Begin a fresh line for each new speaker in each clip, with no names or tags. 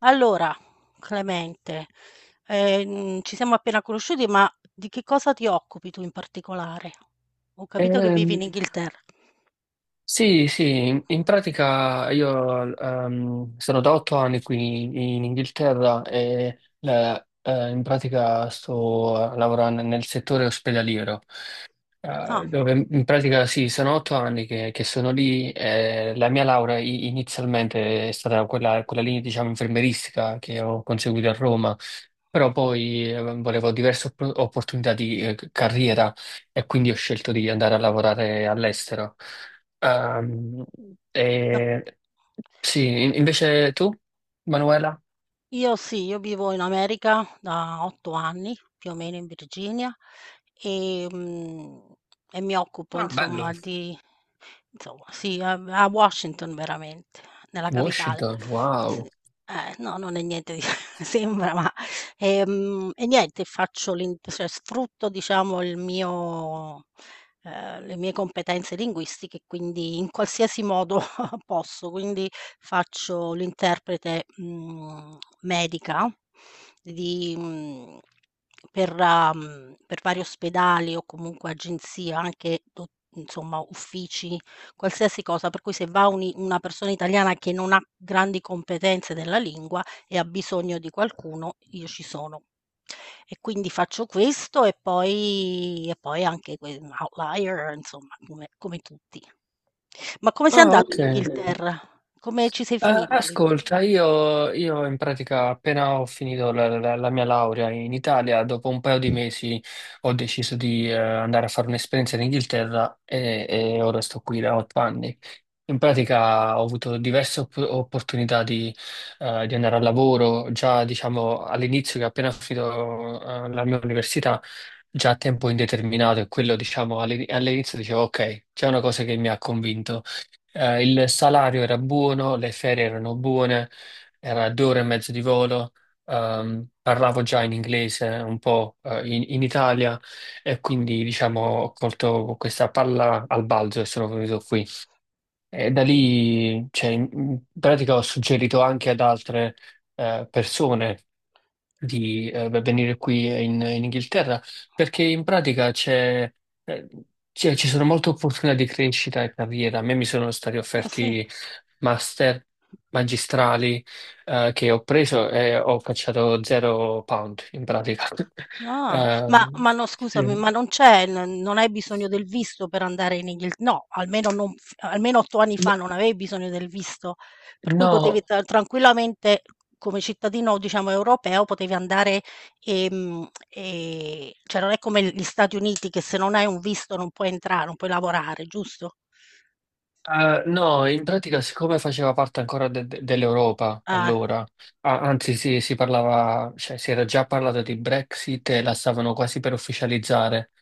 Allora, Clemente, ci siamo appena conosciuti, ma di che cosa ti occupi tu in particolare? Ho capito che vivi
Ehm,
in Inghilterra.
sì, sì, in pratica io sono da otto anni qui in Inghilterra e in pratica sto lavorando nel settore ospedaliero.
Ah,
Dove in pratica sì, sono otto anni che sono lì. La mia laurea inizialmente è stata quella, quella linea, diciamo, infermieristica che ho conseguito a Roma, però poi volevo diverse opportunità di carriera e quindi ho scelto di andare a lavorare all'estero. Ehm,
ma sì.
e- sì, invece tu, Manuela?
Io vivo in America da otto anni, più o meno in Virginia, e, e mi occupo
Ah,
insomma
bello.
di insomma, sì, a Washington veramente, nella capitale.
Washington,
Sì,
wow.
no, non è niente di sembra, ma e niente, faccio l'in cioè sfrutto diciamo il mio le mie competenze linguistiche, quindi in qualsiasi modo posso. Quindi faccio l'interprete, medica di mhmm, per per vari ospedali o comunque agenzie, anche do insomma uffici. Qualsiasi cosa, per cui se va un i una persona italiana che non ha grandi competenze della lingua e ha bisogno di qualcuno, io ci sono. E quindi faccio questo e poi anche que un outlier, insomma, come tutti. Ma come sei
Ah,
andato
ok.
in Inghilterra? Come ci sei finito lì?
Ascolta, io in pratica appena ho finito la mia laurea in Italia, dopo un paio di mesi ho deciso di andare a fare un'esperienza in Inghilterra e ora sto qui da otto anni. In pratica ho avuto diverse opportunità di andare al lavoro, già diciamo all'inizio che appena ho finito la mia università, già a tempo indeterminato e quello diciamo all'inizio dicevo ok, c'è una cosa che mi ha convinto. Il salario era buono, le ferie erano buone, era due ore e mezzo di volo, parlavo già in inglese un po', in Italia e quindi diciamo ho colto questa palla al balzo e sono venuto qui. E da lì, cioè, in pratica ho suggerito anche ad altre, persone di beh, venire qui in Inghilterra, perché in pratica eh, ci sono molte opportunità di crescita e carriera. A me mi sono stati
Ah sì?
offerti master magistrali che ho preso e ho cacciato zero pound in pratica.
Ah,
Eh,
ma no,
sì.
scusami, ma non c'è n non hai bisogno del visto per andare in Inghil no, almeno non f almeno 8 anni fa non avevi bisogno del visto, per cui potevi
No.
tranquillamente come cittadino, diciamo, europeo potevi andare, cioè non è come gli Stati Uniti che se non hai un visto non puoi entrare, non puoi lavorare, giusto?
No, in pratica, siccome faceva parte ancora dell'Europa
Ah,
allora, anzi sì, si parlava, cioè si era già parlato di Brexit e la stavano quasi per ufficializzare.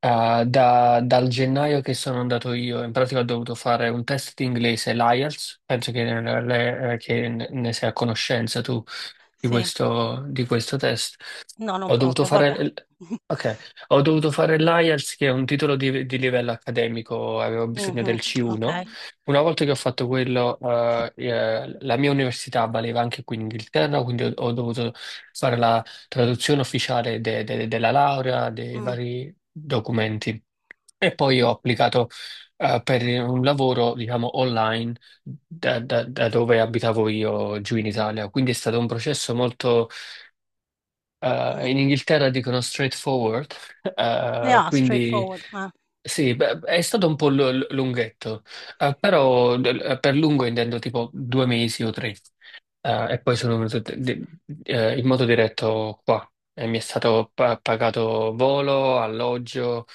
Dal gennaio che sono andato io, in pratica ho dovuto fare un test di inglese, l'IELTS, penso che ne sei a conoscenza tu
sì.
di questo test.
No, non
Ho dovuto
proprio, vabbè.
fare, l- Ok, ho dovuto fare l'IELTS, che è un titolo di livello accademico, avevo bisogno
Mh-mh,
del
okay,
C1. Una volta che ho fatto quello,
sì.
la mia università valeva anche qui in Inghilterra, quindi ho dovuto fare la traduzione ufficiale della laurea, dei
Mh,
vari documenti. E poi ho applicato per un lavoro, diciamo, online da, da dove abitavo io giù in Italia. Quindi è stato un processo molto,
mh.
in Inghilterra dicono straightforward,
Yeah,
quindi
straightforward, eh.
sì, beh, è stato un po' lunghetto, però per lungo intendo tipo due mesi o tre. E poi sono venuto in modo diretto qua. E mi è stato pagato volo, alloggio,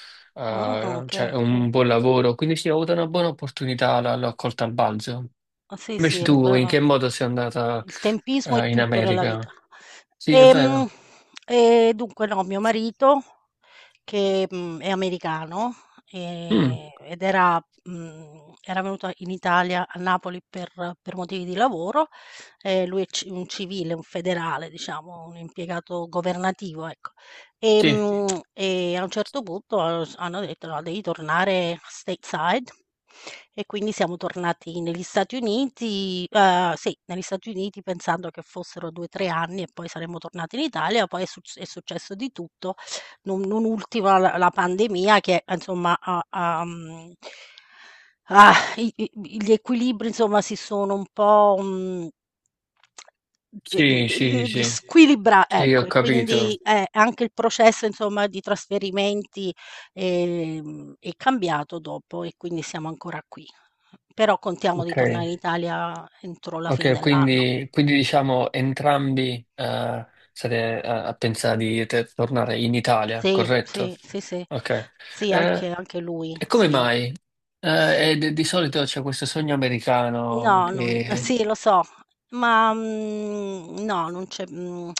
Ah, che
cioè
sì.
un buon lavoro, quindi sì, ho avuto una buona opportunità, l'ho colta al balzo.
Ah, sì,
Invece
sì,
tu in che
beh,
modo sei andata
il tempismo è
in
tutto nella vita.
America? Sì, è
Ehm,
vero.
E, dunque no, mio marito che, è americano,
Mm,
ed era era venuto in Italia, a Napoli per motivi di lavoro. Lui è ci un civile, un federale diciamo, un impiegato governativo, ecco. Sì.
sì,
E a un certo punto s hanno detto: "No, devi tornare stateside." E quindi siamo tornati negli Stati Uniti, sì, negli Stati Uniti pensando che fossero 2, 3 anni e poi saremmo tornati in Italia, poi è suc è successo di tutto, non, non ultima la pandemia che insomma ha, ha, mhmm, ah, i i gli equilibri insomma si sono un po', e mhmm,
sì, sì, sì,
squilibra
sì,
ecco,
ho
e
capito.
quindi anche il processo insomma di trasferimenti, è cambiato dopo e quindi siamo ancora qui. Però contiamo di
Ok,
tornare in Italia entro la fine
ok,
dell'anno.
quindi, quindi diciamo entrambi state a pensare di tornare in Italia,
Sì,
corretto?
sì, sì, sì.
Ok.
Sì,
Eh,
anche lui,
e come
sì.
mai? E di solito c'è questo sogno americano
No, non
che...
sì lo so, ma, no, non c'è mhmm,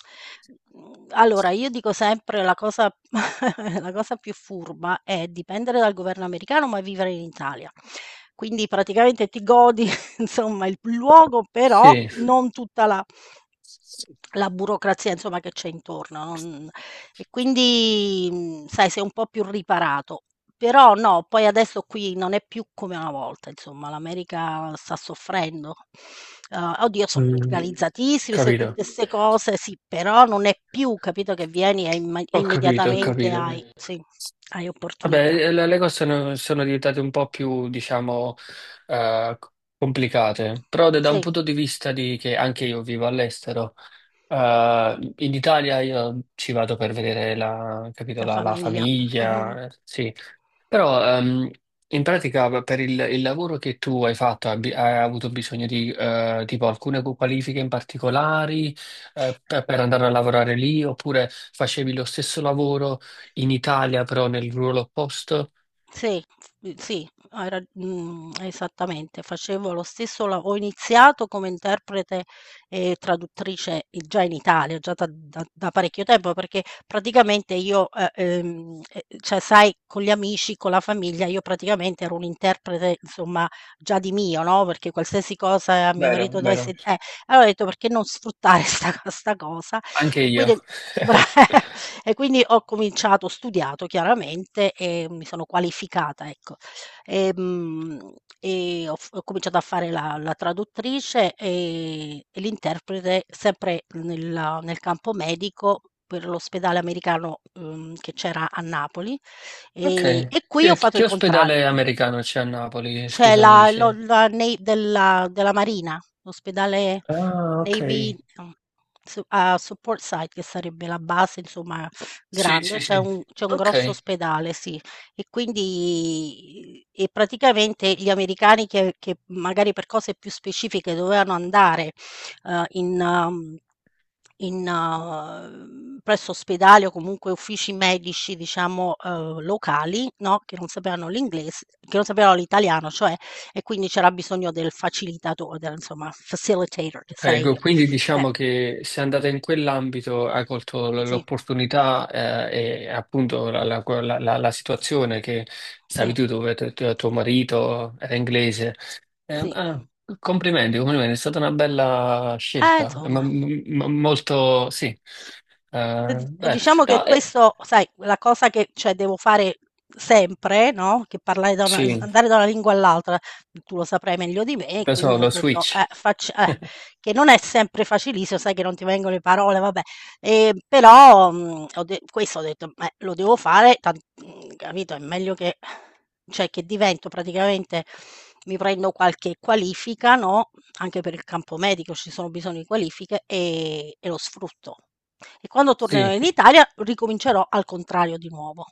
allora io dico sempre la cosa la cosa più furba è dipendere dal governo americano, ma vivere in Italia. Quindi praticamente ti godi insomma il luogo, però
Sì,
non tutta la
sì.
la burocrazia insomma che c'è intorno, non sai, sei un po' più riparato. Però no, poi adesso qui non è più come una volta, insomma, l'America sta soffrendo. Oddio, sono mh,
Mm,
organizzatissimi, se
capito,
tutte 'ste cose, sì, però non è più, capito, che vieni e imma
ho capito, ho
immediatamente
capito.
hai sì, hai
Vabbè,
opportunità.
le cose sono, sono diventate un po' più, diciamo, eh, complicate, però da un
Sì,
punto di vista di che anche io vivo all'estero, eh, in Italia io ci vado per vedere la, capito,
la
la, la
famiglia. Mh-mh.
famiglia, sì, però in pratica beh, per il lavoro che tu hai fatto hai avuto bisogno di tipo alcune qualifiche in particolari per andare a lavorare lì oppure facevi lo stesso lavoro in Italia però nel ruolo opposto?
Sì, s sì, esattamente. Facevo lo stesso la ho iniziato come interprete e traduttrice i già in Italia, già da parecchio tempo, perché praticamente io, cioè sai, con gli amici, con la famiglia, io praticamente ero un'interprete insomma già di mio, no, perché qualsiasi cosa mio
Vero,
marito dovesse
vero,
allora ho detto: "Perché non sfruttare sta cosa?"
anche
E
io.
quindi bra e quindi ho cominciato, ho studiato chiaramente e mi sono qualificata, ecco. Ehm, e ho cominciato a fare la traduttrice e l'interprete sempre nel campo medico per l'ospedale americano, che c'era a Napoli,
Ok.
e qui ho fatto il
Che
contrario.
ospedale americano c'è a Napoli?
C'è
Scusami
la lo
se...
la nei della della Marina, l'ospedale
Ah, ok.
Navy no, su a Support Site, che sarebbe la base insomma
Sì,
grande,
sì, sì.
c'è un grosso
Ok.
ospedale, sì. E quindi e praticamente gli americani che magari per cose più specifiche dovevano andare, in um, in presso ospedali o comunque uffici medici, diciamo, locali, no, che non sapevano l'ingles che non sapevano l'italiano, cioè, e quindi c'era bisogno del facilitato del insomma, facilitator, che sarei
Ecco,
io.
quindi
Eh,
diciamo che se andate in quell'ambito hai colto
sì,
l'opportunità e appunto la situazione che stavi
sì,
tu dove tuo marito era inglese. Eh,
sì.
ah, Complimenti, complimenti, è stata una bella scelta,
Insomma.
molto sì.
E di e
Beh,
diciamo che
no,
questo, sai, la cosa che cioè, devo fare sempre, no, che parlare da una s
sì,
andare da una lingua all'altra, tu lo saprai meglio di me, e
penso
quindi ho
lo
detto,
switch.
facc che non è sempre facilissimo, sai che non ti vengono le parole, vabbè, però, mhmm, ho de questo ho detto: "Beh, lo devo fare, capito, è meglio che cioè, che divento praticamente, mi prendo qualche qualifica, no, anche per il campo medico ci sono bisogno di qualifiche, e lo sfrutto." E quando tornerò
Sì.
in Italia ricomincerò al contrario di nuovo.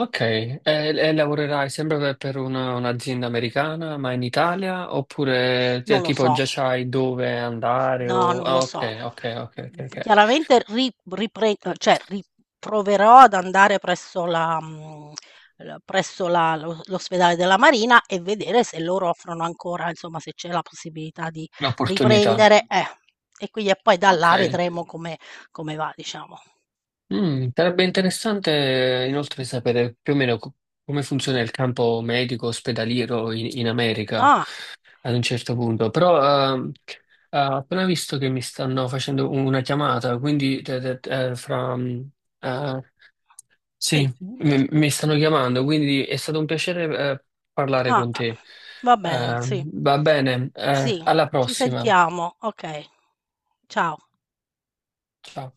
Ok, e lavorerai sempre per un'azienda americana, ma in Italia? Oppure cioè,
Non lo
tipo
so.
già sai dove andare?
No,
O...
non lo
Ah,
so.
ok, ok, ok, ok, ok.
Chiaramente ri ripre cioè ri proverò ad andare presso la mhmm, l presso la lo l'ospedale della Marina e vedere se loro offrono ancora insomma, se c'è la possibilità di
L'opportunità.
riprendere e quindi e poi da
Ok.
là vedremo come come va diciamo.
Mm, sarebbe interessante inoltre sapere più o meno come funziona il campo medico ospedaliero in, in America
Ah.
ad un certo punto. Però ho appena visto che mi stanno facendo una chiamata, quindi fra... eh,
Sì.
sì, mi stanno chiamando, quindi è stato un piacere, parlare
Ah,
con
ah.
te.
Va bene,
Eh,
sì.
Va bene,
Sì,
alla
ci
prossima.
sentiamo. Okay, ciao.
Ciao.